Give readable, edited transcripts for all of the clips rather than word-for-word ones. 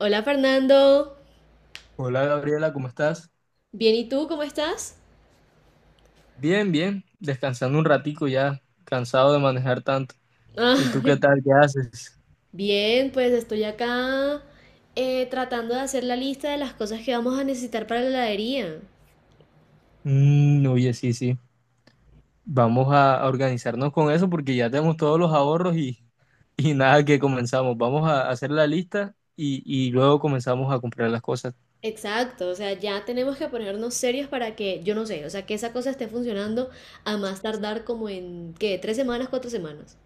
Hola Fernando, Hola Gabriela, ¿cómo estás? bien, ¿y tú cómo estás? Bien, bien, descansando un ratico ya, cansado de manejar tanto. ¿Y tú Ah, qué tal? ¿Qué haces? bien, pues estoy acá tratando de hacer la lista de las cosas que vamos a necesitar para la heladería. Mm, oye, sí, sí. Vamos a organizarnos con eso porque ya tenemos todos los ahorros y nada que comenzamos. Vamos a hacer la lista y luego comenzamos a comprar las cosas. Exacto, o sea, ya tenemos que ponernos serios para que, yo no sé, o sea, que esa cosa esté funcionando a más tardar como en, ¿qué? ¿Tres semanas, cuatro semanas?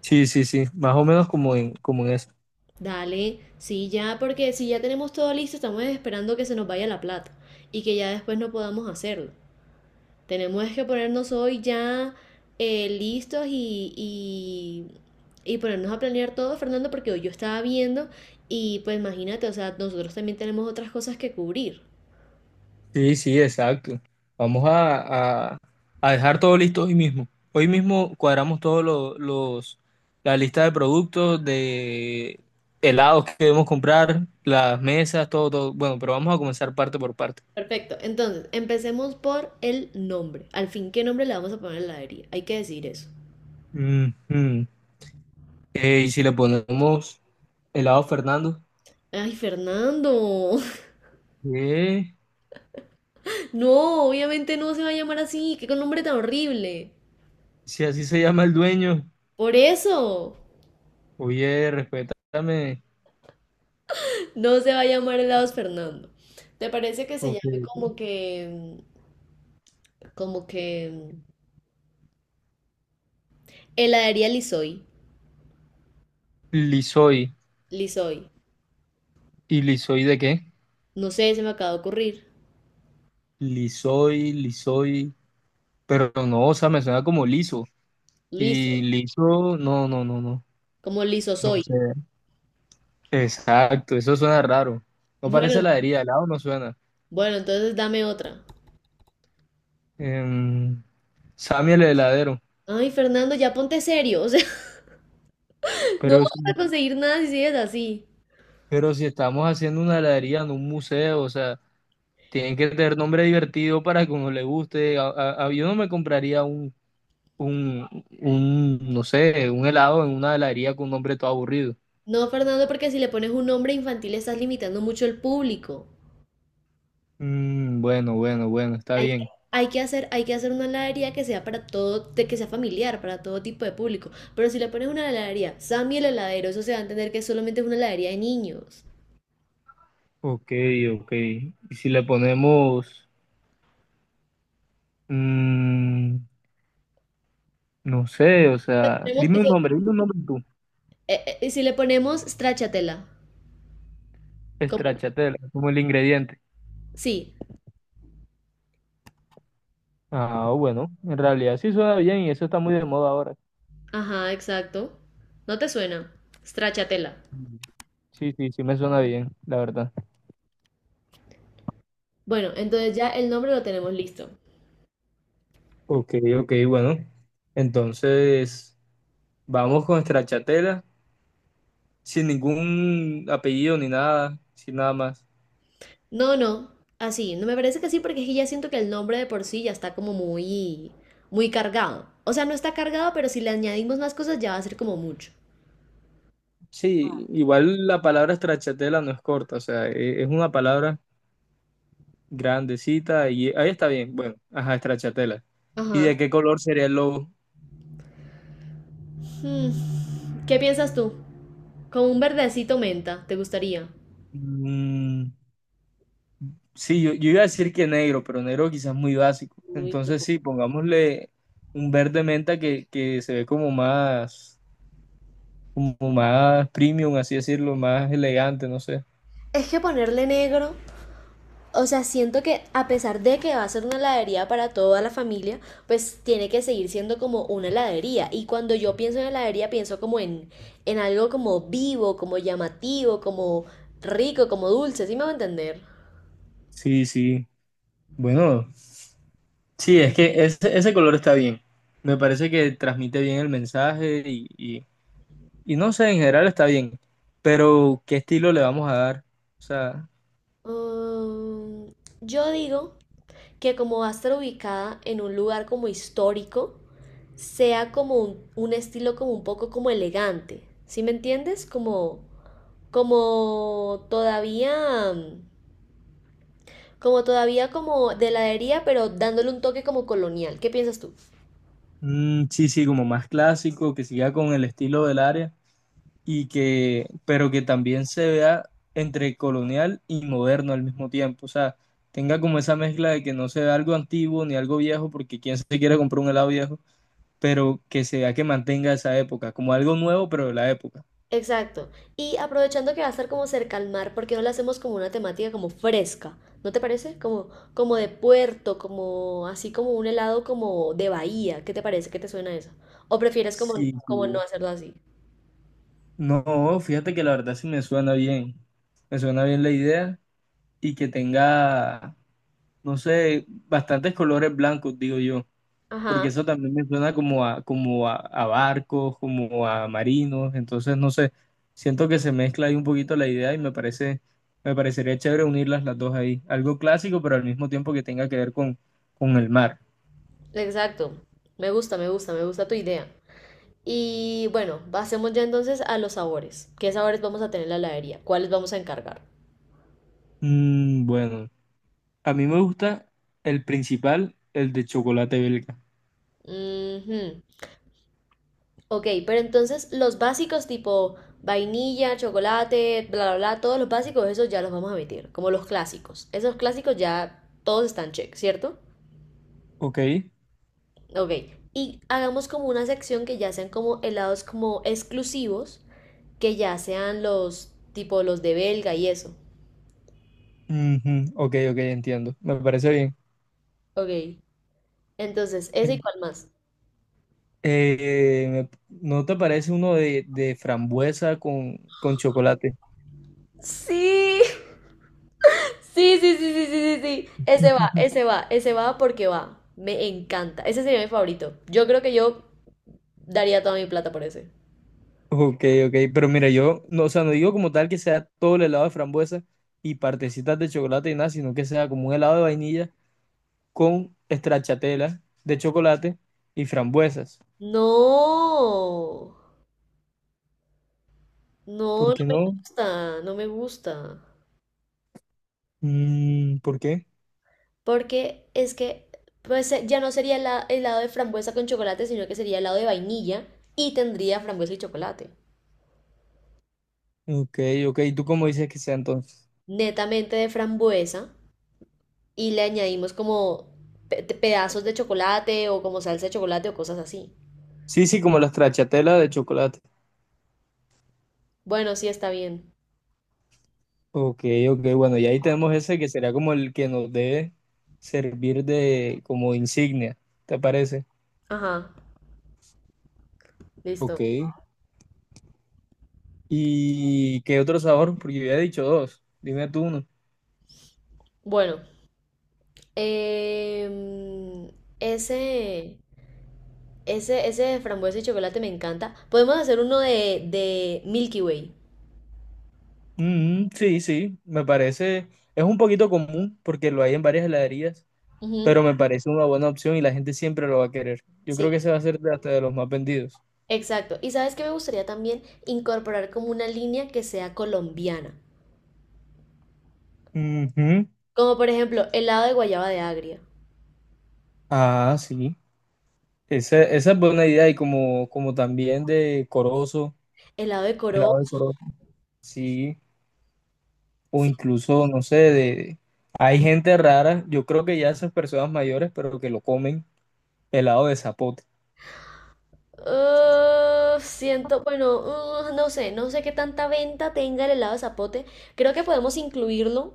Sí, sí, sí, más o menos como en Dale, sí, ya, porque si ya tenemos todo listo, estamos esperando que se nos vaya la plata y que ya después no podamos hacerlo. Tenemos que ponernos hoy ya listos y ponernos a planear todo, Fernando, porque hoy yo estaba viendo y pues imagínate, o sea, nosotros también tenemos otras cosas que cubrir. sí, sí, exacto. Vamos a dejar todo listo hoy mismo. Hoy mismo cuadramos la lista de productos, de helados que debemos comprar, las mesas, todo, todo. Bueno, pero vamos a comenzar parte por parte. Perfecto, entonces empecemos por el nombre. Al fin, ¿qué nombre le vamos a poner a la heladería? Hay que decir eso. Ujú. Y si le ponemos helado Fernando. Ay, Fernando, ¿Qué? no, obviamente no se va a llamar así, qué nombre tan horrible. Si así se llama el dueño, Por eso, oye, respétame. no se va a llamar helados Fernando. ¿Te parece que se Ok, llame ok. como que Como que heladería Lisoy. Lisoy. Lisoy. ¿Y Lisoy de qué? No sé, se me acaba de ocurrir. Lisoy, Lisoy. Pero no, o sea, me suena como liso. Y Liso. liso, no, no, no, no. Como liso No soy. sé. Exacto, eso suena raro. No parece Bueno, heladería, helado no suena. bueno, entonces dame otra. Em, Sammy el heladero. Ay, Fernando, ya ponte serio. O sea, no Pero, vamos a si- conseguir nada si sigues así. pero si estamos haciendo una heladería en un museo, o sea, tienen que tener nombre divertido para que uno le guste. Yo no me compraría un, un, no sé, un helado en una heladería con un nombre todo aburrido. No, Fernando, porque si le pones un nombre infantil estás limitando mucho el público. Mm, bueno, bueno, bueno, está Hay que, bien. Hay que hacer una heladería que sea para todo, de que sea familiar, para todo tipo de público. Pero si le pones una heladería, Sammy el heladero, eso se va a entender que solamente es una heladería de niños. Ok, ok. Y si le ponemos, mm, no sé, o sea, Tenemos- dime un nombre tú. Y si le ponemos stracciatella, como, Stracciatella, como el ingrediente. sí, Ah, bueno, en realidad sí suena bien y eso está muy de moda ahora. ajá, exacto. ¿No te suena? Stracciatella. Mm. Sí, sí, sí me suena bien, la verdad. Bueno, entonces ya el nombre lo tenemos listo. Ok, ok, bueno. Entonces, vamos con Stracciatella, sin ningún apellido ni nada, sin nada más. No, así, no me parece que sí, porque es que ya siento que el nombre de por sí ya está como muy, muy cargado. O sea, no está cargado, pero si le añadimos más cosas ya va a ser como mucho. Sí, igual la palabra Stracciatella no es corta, o sea, es una palabra grandecita y ahí está bien. Bueno, ajá, estrachatela. ¿Y Ajá. de qué color sería el logo? Hmm, ¿qué piensas tú? Como un verdecito menta, ¿te gustaría? Mm, sí, yo iba a decir que negro, pero negro quizás muy básico. Entonces sí, pongámosle un verde menta que se ve como más premium, así decirlo, más elegante, no sé. Es que ponerle negro o sea, siento que a pesar de que va a ser una heladería para toda la familia, pues tiene que seguir siendo como una heladería. Y cuando yo pienso en heladería, pienso como en algo como vivo, como llamativo, como rico, como dulce, ¿sí me va a entender? Sí, sí. Bueno, sí, es que ese color está bien. Me parece que transmite bien el mensaje y no sé, en general está bien. Pero, ¿qué estilo le vamos a dar? O sea, Mm, yo digo que como va a estar ubicada en un lugar como histórico, sea como un estilo como un poco como elegante, ¿sí me entiendes? Como, como todavía... mm, como todavía como de heladería, pero dándole un toque como colonial. ¿Qué piensas tú? mm, sí, sí, como más clásico, que siga con el estilo del área y que, pero que también se vea entre colonial y moderno al mismo tiempo. O sea, tenga como esa mezcla de que no se vea algo antiguo ni algo viejo, porque quién se quiere comprar un helado viejo, pero que se vea que mantenga esa época, como algo nuevo, pero de la época. Exacto. Y aprovechando que va a estar como cerca al mar, ¿por qué no la hacemos como una temática como fresca? ¿No te parece? Como, como de puerto, como así como un helado como de bahía. ¿Qué te parece? ¿Qué te suena eso? ¿O prefieres como, Sí, como no sí. hacerlo así? No, fíjate que la verdad sí me suena bien. Me suena bien la idea y que tenga, no sé, bastantes colores blancos, digo yo, Ajá, porque eso también me suena como a barcos, como a marinos, entonces no sé, siento que se mezcla ahí un poquito la idea y me parece, me parecería chévere unirlas las dos ahí, algo clásico, pero al mismo tiempo que tenga que ver con el mar. exacto. Me gusta, me gusta, me gusta tu idea. Y bueno, pasemos ya entonces a los sabores. ¿Qué sabores vamos a tener en la heladería? ¿Cuáles vamos a encargar? Mm, bueno, a mí me gusta el principal, el de chocolate belga, Ujú. Ok, pero entonces los básicos tipo vainilla, chocolate, bla, bla, bla, todos los básicos, esos ya los vamos a omitir, como los clásicos. Esos clásicos ya todos están check, ¿cierto? ok. Ok, y hagamos como una sección que ya sean como helados como exclusivos, que ya sean los tipo los de Belga y eso. Ujú, ok, ok, entiendo, me parece bien. Ok, entonces, ese y En- cuál más. ¿No te parece uno de frambuesa con chocolate? Sí, sí, sí, sí, sí, sí, sí, sí. Ese va, ese va, ese va porque va. Me encanta. Ese sería mi favorito. Yo creo que yo daría toda mi plata por ese. Ok, ok, pero mira, yo no, o sea, no digo como tal que sea todo el helado de frambuesa y partecitas de chocolate y nada, sino que sea como un helado de vainilla con stracciatella de chocolate y frambuesas. No, no, ¿Por no qué me no? gusta, no me gusta. Mm, ¿por qué? Porque es que, pues ya no sería helado de frambuesa con chocolate, sino que sería helado de vainilla y tendría frambuesa y chocolate. Ok, ok, ¿y tú cómo dices que sea entonces? Netamente de frambuesa y le añadimos como pedazos de chocolate o como salsa de chocolate o cosas así. Sí, sí, como la stracciatella de chocolate. Bueno, sí está bien. Ok, ok, bueno, y ahí tenemos ese que sería como el que nos debe servir de como insignia, ¿te parece? Ajá, listo. Ok. ¿Y qué otro sabor? Porque yo había dicho dos. Dime tú uno. Bueno, em, ese... Ese de frambuesa y chocolate me encanta. Podemos hacer uno de Milky Way. Mm, sí, sí, me parece. Es un poquito común porque lo hay en varias heladerías, Ujú, pero me parece una buena opción y la gente siempre lo va a querer. Yo creo que sí. ese va a ser hasta de los más vendidos. Exacto. Y sabes qué me gustaría también incorporar como una línea que sea colombiana. Ujú. Como por ejemplo, helado de guayaba de agria, Ah, sí. Esa es buena idea y como, como también de corozo, helado de coro helado de corozo, sí, o Sí. incluso, no sé, de... Hay gente rara, yo creo que ya esas personas mayores, pero que lo comen helado de zapote. Ah, siento, bueno, ah, no sé, no sé qué tanta venta tenga el helado de zapote. Creo que podemos incluirlo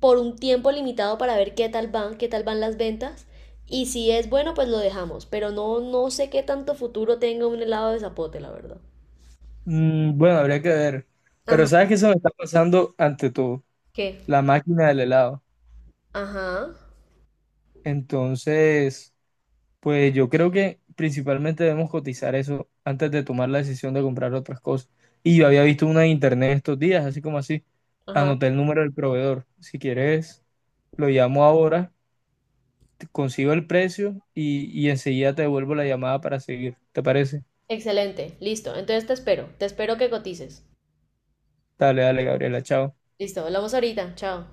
por un tiempo limitado para ver qué tal van las ventas. Y si es bueno, pues lo dejamos. Pero no, no sé qué tanto futuro tenga un helado de zapote, la verdad. Mm, bueno, habría que ver. Pero Ajá. sabes que eso me está pasando ante todo, ¿Qué? la máquina del helado. Ajá, Entonces, pues yo creo que principalmente debemos cotizar eso antes de tomar la decisión de comprar otras cosas. Y yo había visto una en internet estos días, así como así. ajá. Anoté el número del proveedor. Si quieres, lo llamo ahora, consigo el precio y enseguida te devuelvo la llamada para seguir. ¿Te parece? Excelente, listo. Entonces te espero que cotices. Dale, dale, Gabriela, chao. Listo, hablamos ahorita, chao.